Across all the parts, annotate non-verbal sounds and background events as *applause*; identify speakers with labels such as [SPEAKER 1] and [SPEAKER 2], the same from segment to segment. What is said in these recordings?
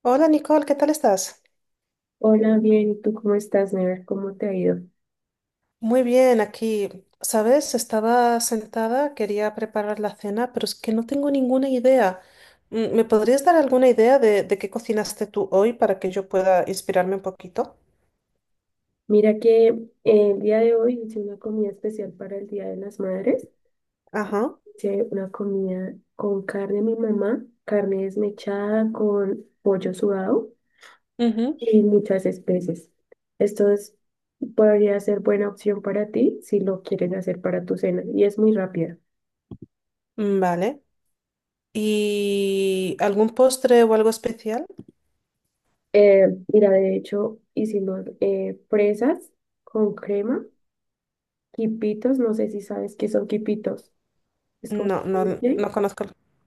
[SPEAKER 1] Hola Nicole, ¿qué tal estás?
[SPEAKER 2] Hola, bien, ¿y tú cómo estás, Never? ¿Cómo te ha ido?
[SPEAKER 1] Muy bien, aquí, ¿sabes? Estaba sentada, quería preparar la cena, pero es que no tengo ninguna idea. ¿Me podrías dar alguna idea de qué cocinaste tú hoy para que yo pueda inspirarme un poquito?
[SPEAKER 2] Mira que el día de hoy hice una comida especial para el Día de las Madres.
[SPEAKER 1] Ajá.
[SPEAKER 2] Hice una comida con carne de mi mamá, carne desmechada con pollo sudado
[SPEAKER 1] Ujú.
[SPEAKER 2] y muchas especies. Esto es- Podría ser buena opción para ti si lo quieres hacer para tu cena y es muy rápida.
[SPEAKER 1] Mm, vale. ¿Y algún postre o algo especial?
[SPEAKER 2] Eh, Mira, de hecho, hicimos fresas con crema, quipitos, no sé si sabes qué son quipitos. Es como...
[SPEAKER 1] No, no, no conozco.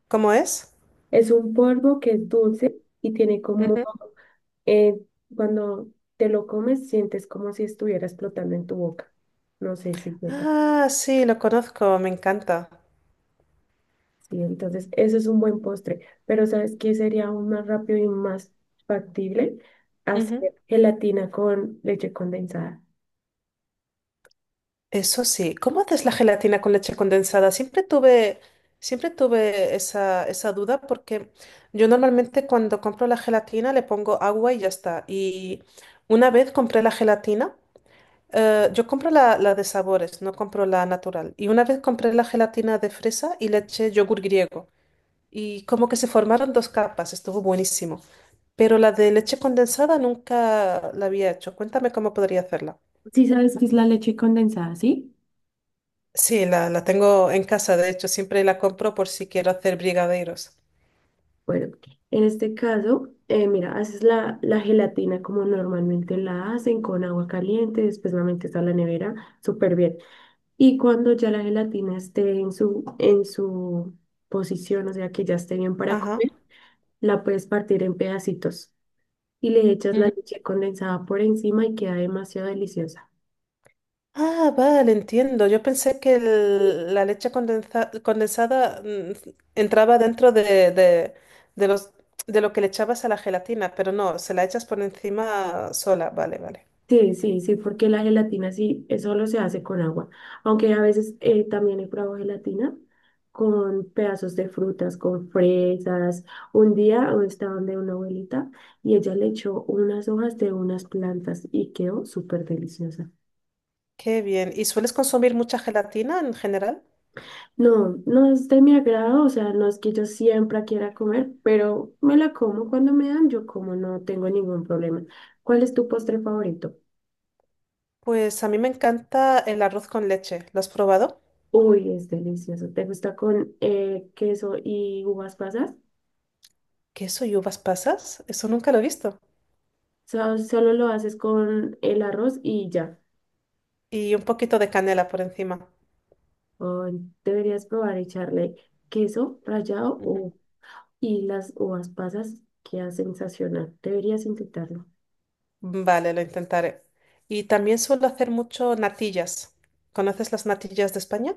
[SPEAKER 1] ¿Cómo es?
[SPEAKER 2] Es un polvo que es dulce y tiene
[SPEAKER 1] Ujú.
[SPEAKER 2] eh, cuando te lo comes, sientes como si estuviera explotando en tu boca. No sé si sepa.
[SPEAKER 1] Ah, sí, lo conozco, me encanta.
[SPEAKER 2] Sí, entonces, eso es un buen postre. Pero ¿sabes qué sería aún más rápido y más factible?
[SPEAKER 1] Ujú.
[SPEAKER 2] Hacer gelatina con leche condensada.
[SPEAKER 1] Eso sí, ¿cómo haces la gelatina con leche condensada? Siempre tuve esa duda porque yo normalmente cuando compro la gelatina le pongo agua y ya está. Y una vez compré la gelatina, yo compro la de sabores, no compro la natural. Y una vez compré la gelatina de fresa y le eché yogur griego. Y como que se formaron dos capas, estuvo buenísimo. Pero la de leche condensada nunca la había hecho. Cuéntame cómo podría hacerla.
[SPEAKER 2] Sí, sabes qué es la leche condensada, ¿sí?
[SPEAKER 1] Sí, la tengo en casa, de hecho, siempre la compro por si quiero hacer brigadeiros.
[SPEAKER 2] Bueno, en este caso, mira, haces la gelatina como normalmente la hacen, con agua caliente, después la metes a la nevera, súper bien. Y cuando ya la gelatina esté en su posición, o sea que ya esté bien para
[SPEAKER 1] Ajá.
[SPEAKER 2] comer, la puedes partir en pedacitos y le echas la
[SPEAKER 1] Ujú.
[SPEAKER 2] leche condensada por encima y queda demasiado deliciosa.
[SPEAKER 1] Ah, vale, entiendo. Yo pensé que la condensada entraba dentro de de lo que le echabas a la gelatina, pero no, se la echas por encima sola. Vale, vale.
[SPEAKER 2] Sí, sí, sí, porque la gelatina sí solo se hace con agua, aunque a veces también he probado gelatina con pedazos de frutas, con fresas. Un día estaba donde una abuelita y ella le echó unas hojas de unas plantas y quedó súper deliciosa.
[SPEAKER 1] Qué bien. ¿Y sueles consumir mucha gelatina en general?
[SPEAKER 2] No, no es de mi agrado, o sea, no es que yo siempre quiera comer, pero me la como cuando me dan, yo como no tengo ningún problema. ¿Cuál es tu postre favorito?
[SPEAKER 1] Pues a mí me encanta el arroz con leche. ¿Lo has probado?
[SPEAKER 2] Uy, es delicioso. ¿Te gusta con queso y uvas pasas?
[SPEAKER 1] ¿Queso y uvas pasas? Eso nunca lo he visto.
[SPEAKER 2] Solo lo haces con el arroz y ya.
[SPEAKER 1] Y un poquito de canela por encima.
[SPEAKER 2] Ay, deberías probar echarle queso rallado y las uvas pasas, queda sensacional. Deberías intentarlo.
[SPEAKER 1] Vale, lo intentaré. Y también suelo hacer mucho natillas. ¿Conoces las natillas de España?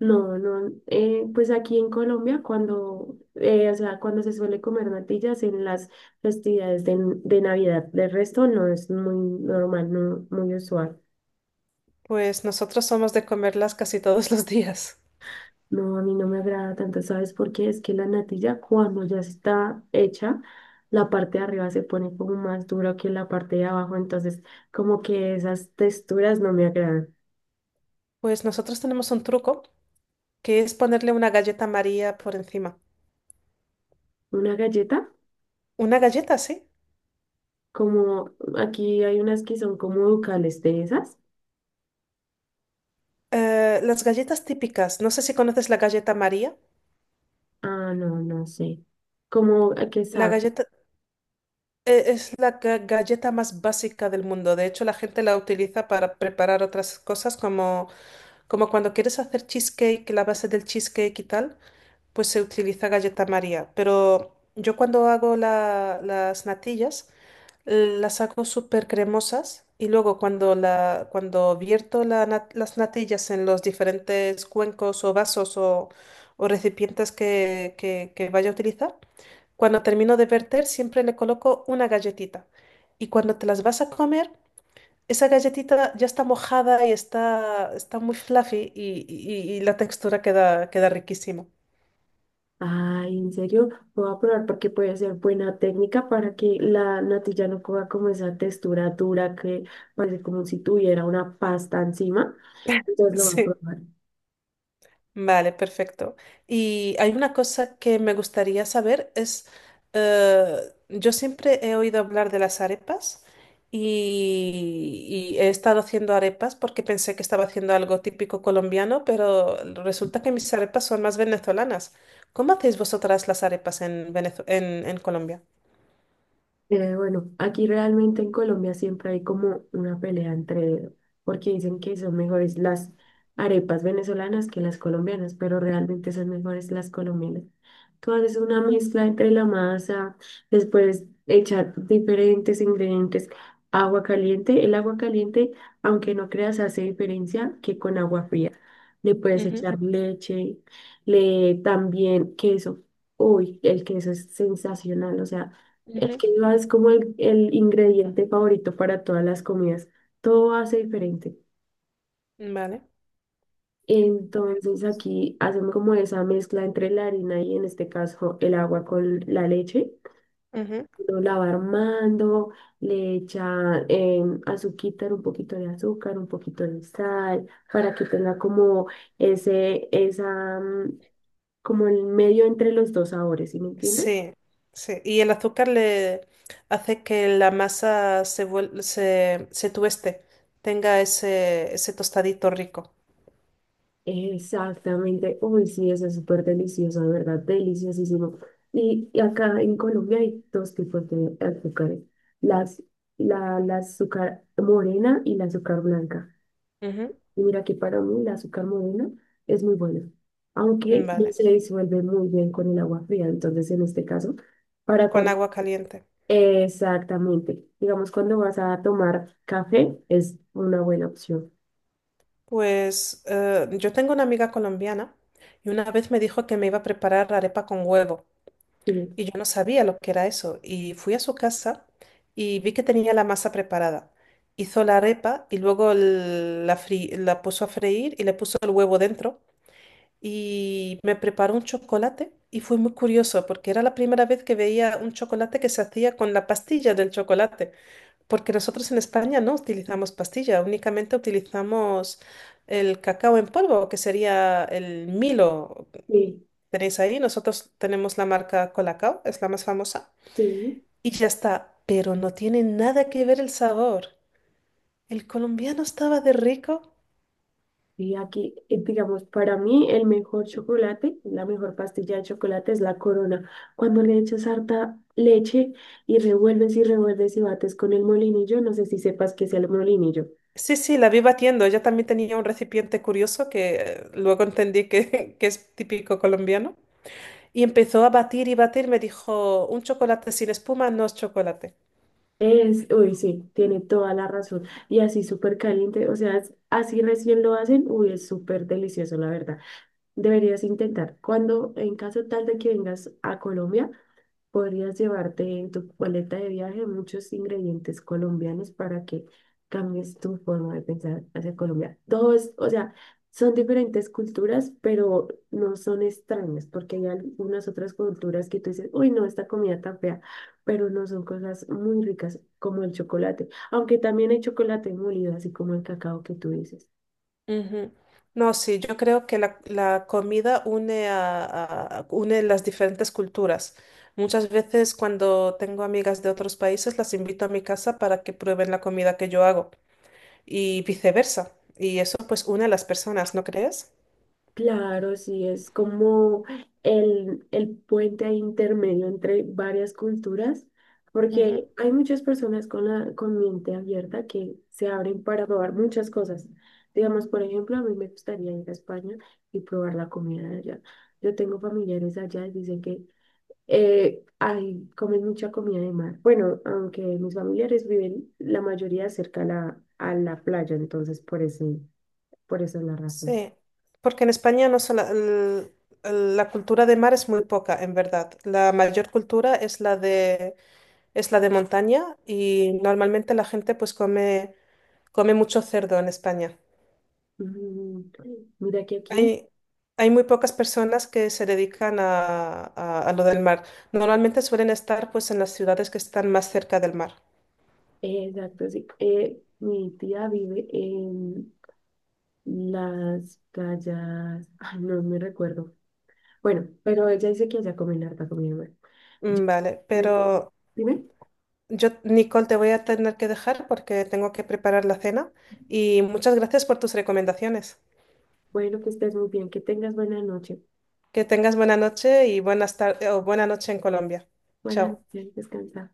[SPEAKER 2] No, no, pues aquí en Colombia cuando, o sea, cuando se suele comer natillas en las festividades de Navidad, de resto no es muy normal, no muy usual.
[SPEAKER 1] Pues nosotros somos de comerlas casi todos *laughs* los días.
[SPEAKER 2] No, a mí no me agrada tanto, ¿sabes por qué? Es que la natilla cuando ya está hecha, la parte de arriba se pone como más dura que la parte de abajo, entonces como que esas texturas no me agradan.
[SPEAKER 1] Pues nosotros tenemos un truco que es ponerle una galleta María por encima.
[SPEAKER 2] Una galleta,
[SPEAKER 1] Una galleta, sí.
[SPEAKER 2] como aquí hay unas que son como ducales de esas.
[SPEAKER 1] Las galletas típicas. No sé si conoces la galleta María.
[SPEAKER 2] Ah, no, no sé. ¿Cómo a qué
[SPEAKER 1] La
[SPEAKER 2] sabe?
[SPEAKER 1] galleta es la galleta más básica del mundo. De hecho, la gente la utiliza para preparar otras cosas como cuando quieres hacer cheesecake, la base del cheesecake y tal. Pues se utiliza galleta María. Pero yo cuando hago las natillas, las hago súper cremosas y luego cuando vierto las natillas en los diferentes cuencos o vasos o recipientes que vaya a utilizar, cuando termino de verter siempre le coloco una galletita. Y cuando te las vas a comer, esa galletita ya está mojada y está muy fluffy y la textura queda riquísima.
[SPEAKER 2] Ay, en serio, lo voy a probar porque puede ser buena técnica para que la natilla no coja como esa textura dura que parece como si tuviera una pasta encima.
[SPEAKER 1] *laughs*
[SPEAKER 2] Entonces lo voy a
[SPEAKER 1] Sí.
[SPEAKER 2] probar.
[SPEAKER 1] Vale, perfecto. Y hay una cosa que me gustaría saber es, eh, yo siempre he oído hablar de las arepas y he estado haciendo arepas porque pensé que estaba haciendo algo típico colombiano, pero resulta que mis arepas son más venezolanas. ¿Cómo hacéis vosotras las arepas en en Colombia?
[SPEAKER 2] Bueno, aquí realmente en Colombia siempre hay como una pelea entre, porque dicen que son mejores las arepas venezolanas que las colombianas, pero realmente son mejores las colombianas. Tú haces una mezcla entre la masa, después echar diferentes ingredientes, agua caliente. El agua caliente, aunque no creas, hace diferencia que con agua fría. Le puedes echar leche, le también queso. Uy, el queso es sensacional, o sea.
[SPEAKER 1] Ujú,
[SPEAKER 2] El
[SPEAKER 1] ujú.
[SPEAKER 2] quinoa es como el ingrediente favorito para todas las comidas. Todo hace diferente.
[SPEAKER 1] Vale.
[SPEAKER 2] Entonces aquí hacemos como esa mezcla entre la harina y en este caso el agua con la leche. Lo la va armando, le echa azuquita, un poquito de azúcar, un poquito de sal, para que tenga como ese, esa, mm, como el medio entre los dos sabores, ¿sí me entiendes?
[SPEAKER 1] Sí, sí. Y el azúcar le hace que la masa se tueste, tenga ese tostadito rico.
[SPEAKER 2] Exactamente. Uy, sí, eso es súper delicioso, de verdad, deliciosísimo. Y acá en Colombia hay dos tipos de azúcares, las, la azúcar morena y la azúcar blanca.
[SPEAKER 1] Ujú.
[SPEAKER 2] Y mira que para mí la azúcar morena es muy buena, aunque no
[SPEAKER 1] Vale,
[SPEAKER 2] se disuelve muy bien con el agua fría. Entonces, en este caso, para
[SPEAKER 1] con
[SPEAKER 2] cuando...
[SPEAKER 1] agua caliente.
[SPEAKER 2] Exactamente. Digamos, cuando vas a tomar café, es una buena opción.
[SPEAKER 1] Pues yo tengo una amiga colombiana y una vez me dijo que me iba a preparar arepa con huevo
[SPEAKER 2] Sí,
[SPEAKER 1] y yo no sabía lo que era eso. Y fui a su casa y vi que tenía la masa preparada. Hizo la arepa y luego la puso a freír y le puso el huevo dentro. Y me preparó un chocolate y fue muy curioso porque era la primera vez que veía un chocolate que se hacía con la pastilla del chocolate, porque nosotros en España no utilizamos pastilla, únicamente utilizamos el cacao en polvo, que sería el Milo.
[SPEAKER 2] sí,
[SPEAKER 1] Tenéis ahí, nosotros tenemos la marca Colacao, es la más famosa,
[SPEAKER 2] sí.
[SPEAKER 1] y ya está, pero no tiene nada que ver el sabor. El colombiano estaba de rico.
[SPEAKER 2] Y aquí, digamos, para mí el mejor chocolate, la mejor pastilla de chocolate es la Corona. Cuando le echas harta leche y revuelves y revuelves y bates con el molinillo, no sé si sepas qué es el molinillo.
[SPEAKER 1] Sí, sí, la vi batiendo. Ella también tenía un recipiente curioso que luego entendí que, *laughs* que es típico colombiano. Y empezó a batir y batir. Me dijo, un chocolate sin espuma no es chocolate.
[SPEAKER 2] Es, uy, sí, tiene toda la razón. Y así súper caliente, así recién lo hacen, uy, es súper delicioso, la verdad. Deberías intentar. Cuando, en caso tal de que vengas a Colombia, podrías llevarte en tu paleta de viaje muchos ingredientes colombianos para que cambies tu forma de pensar hacia Colombia. Dos, o sea, son diferentes culturas, pero no son extrañas, porque hay algunas otras culturas que tú dices, uy, no, esta comida tan fea, pero no son cosas muy ricas como el chocolate, aunque también hay chocolate molido, así como el cacao que tú dices.
[SPEAKER 1] Ujú. No, sí, yo creo que la comida une las diferentes culturas. Muchas veces cuando tengo amigas de otros países las invito a mi casa para que prueben la comida que yo hago y viceversa. Y eso pues une a las personas, ¿no crees?
[SPEAKER 2] Claro, sí, es como el puente ahí intermedio entre varias culturas, porque hay muchas personas con la con mente abierta que se abren para probar muchas cosas. Digamos, por ejemplo, a mí me gustaría ir a España y probar la comida de allá. Yo tengo familiares allá y dicen que comen mucha comida de mar. Bueno, aunque mis familiares viven la mayoría cerca a a la playa, entonces por eso es la razón.
[SPEAKER 1] Sí, porque en España no sola- el- la cultura de mar es muy poca, en verdad. La mayor cultura es es la de montaña y normalmente la gente come mucho cerdo en España.
[SPEAKER 2] Mm, Mira que aquí,
[SPEAKER 1] Hay, hay muy pocas personas que se dedican a lo del mar. Normalmente suelen estar pues en las ciudades que están más cerca del mar.
[SPEAKER 2] exacto, sí. Mi tía vive en las playas, ay, no me recuerdo. Bueno, pero ella dice que allá comen harta comida buena. Yo-
[SPEAKER 1] Mm, vale,
[SPEAKER 2] le-
[SPEAKER 1] pero
[SPEAKER 2] Dime,
[SPEAKER 1] yo, Nicole, te voy a tener que dejar porque tengo que preparar la cena y muchas gracias por tus recomendaciones.
[SPEAKER 2] bueno, que estés muy bien, que tengas buena noche.
[SPEAKER 1] Que tengas buena noche y buenas tardes o buena noche en Colombia.
[SPEAKER 2] Buenas
[SPEAKER 1] Chao.
[SPEAKER 2] noches, descansa.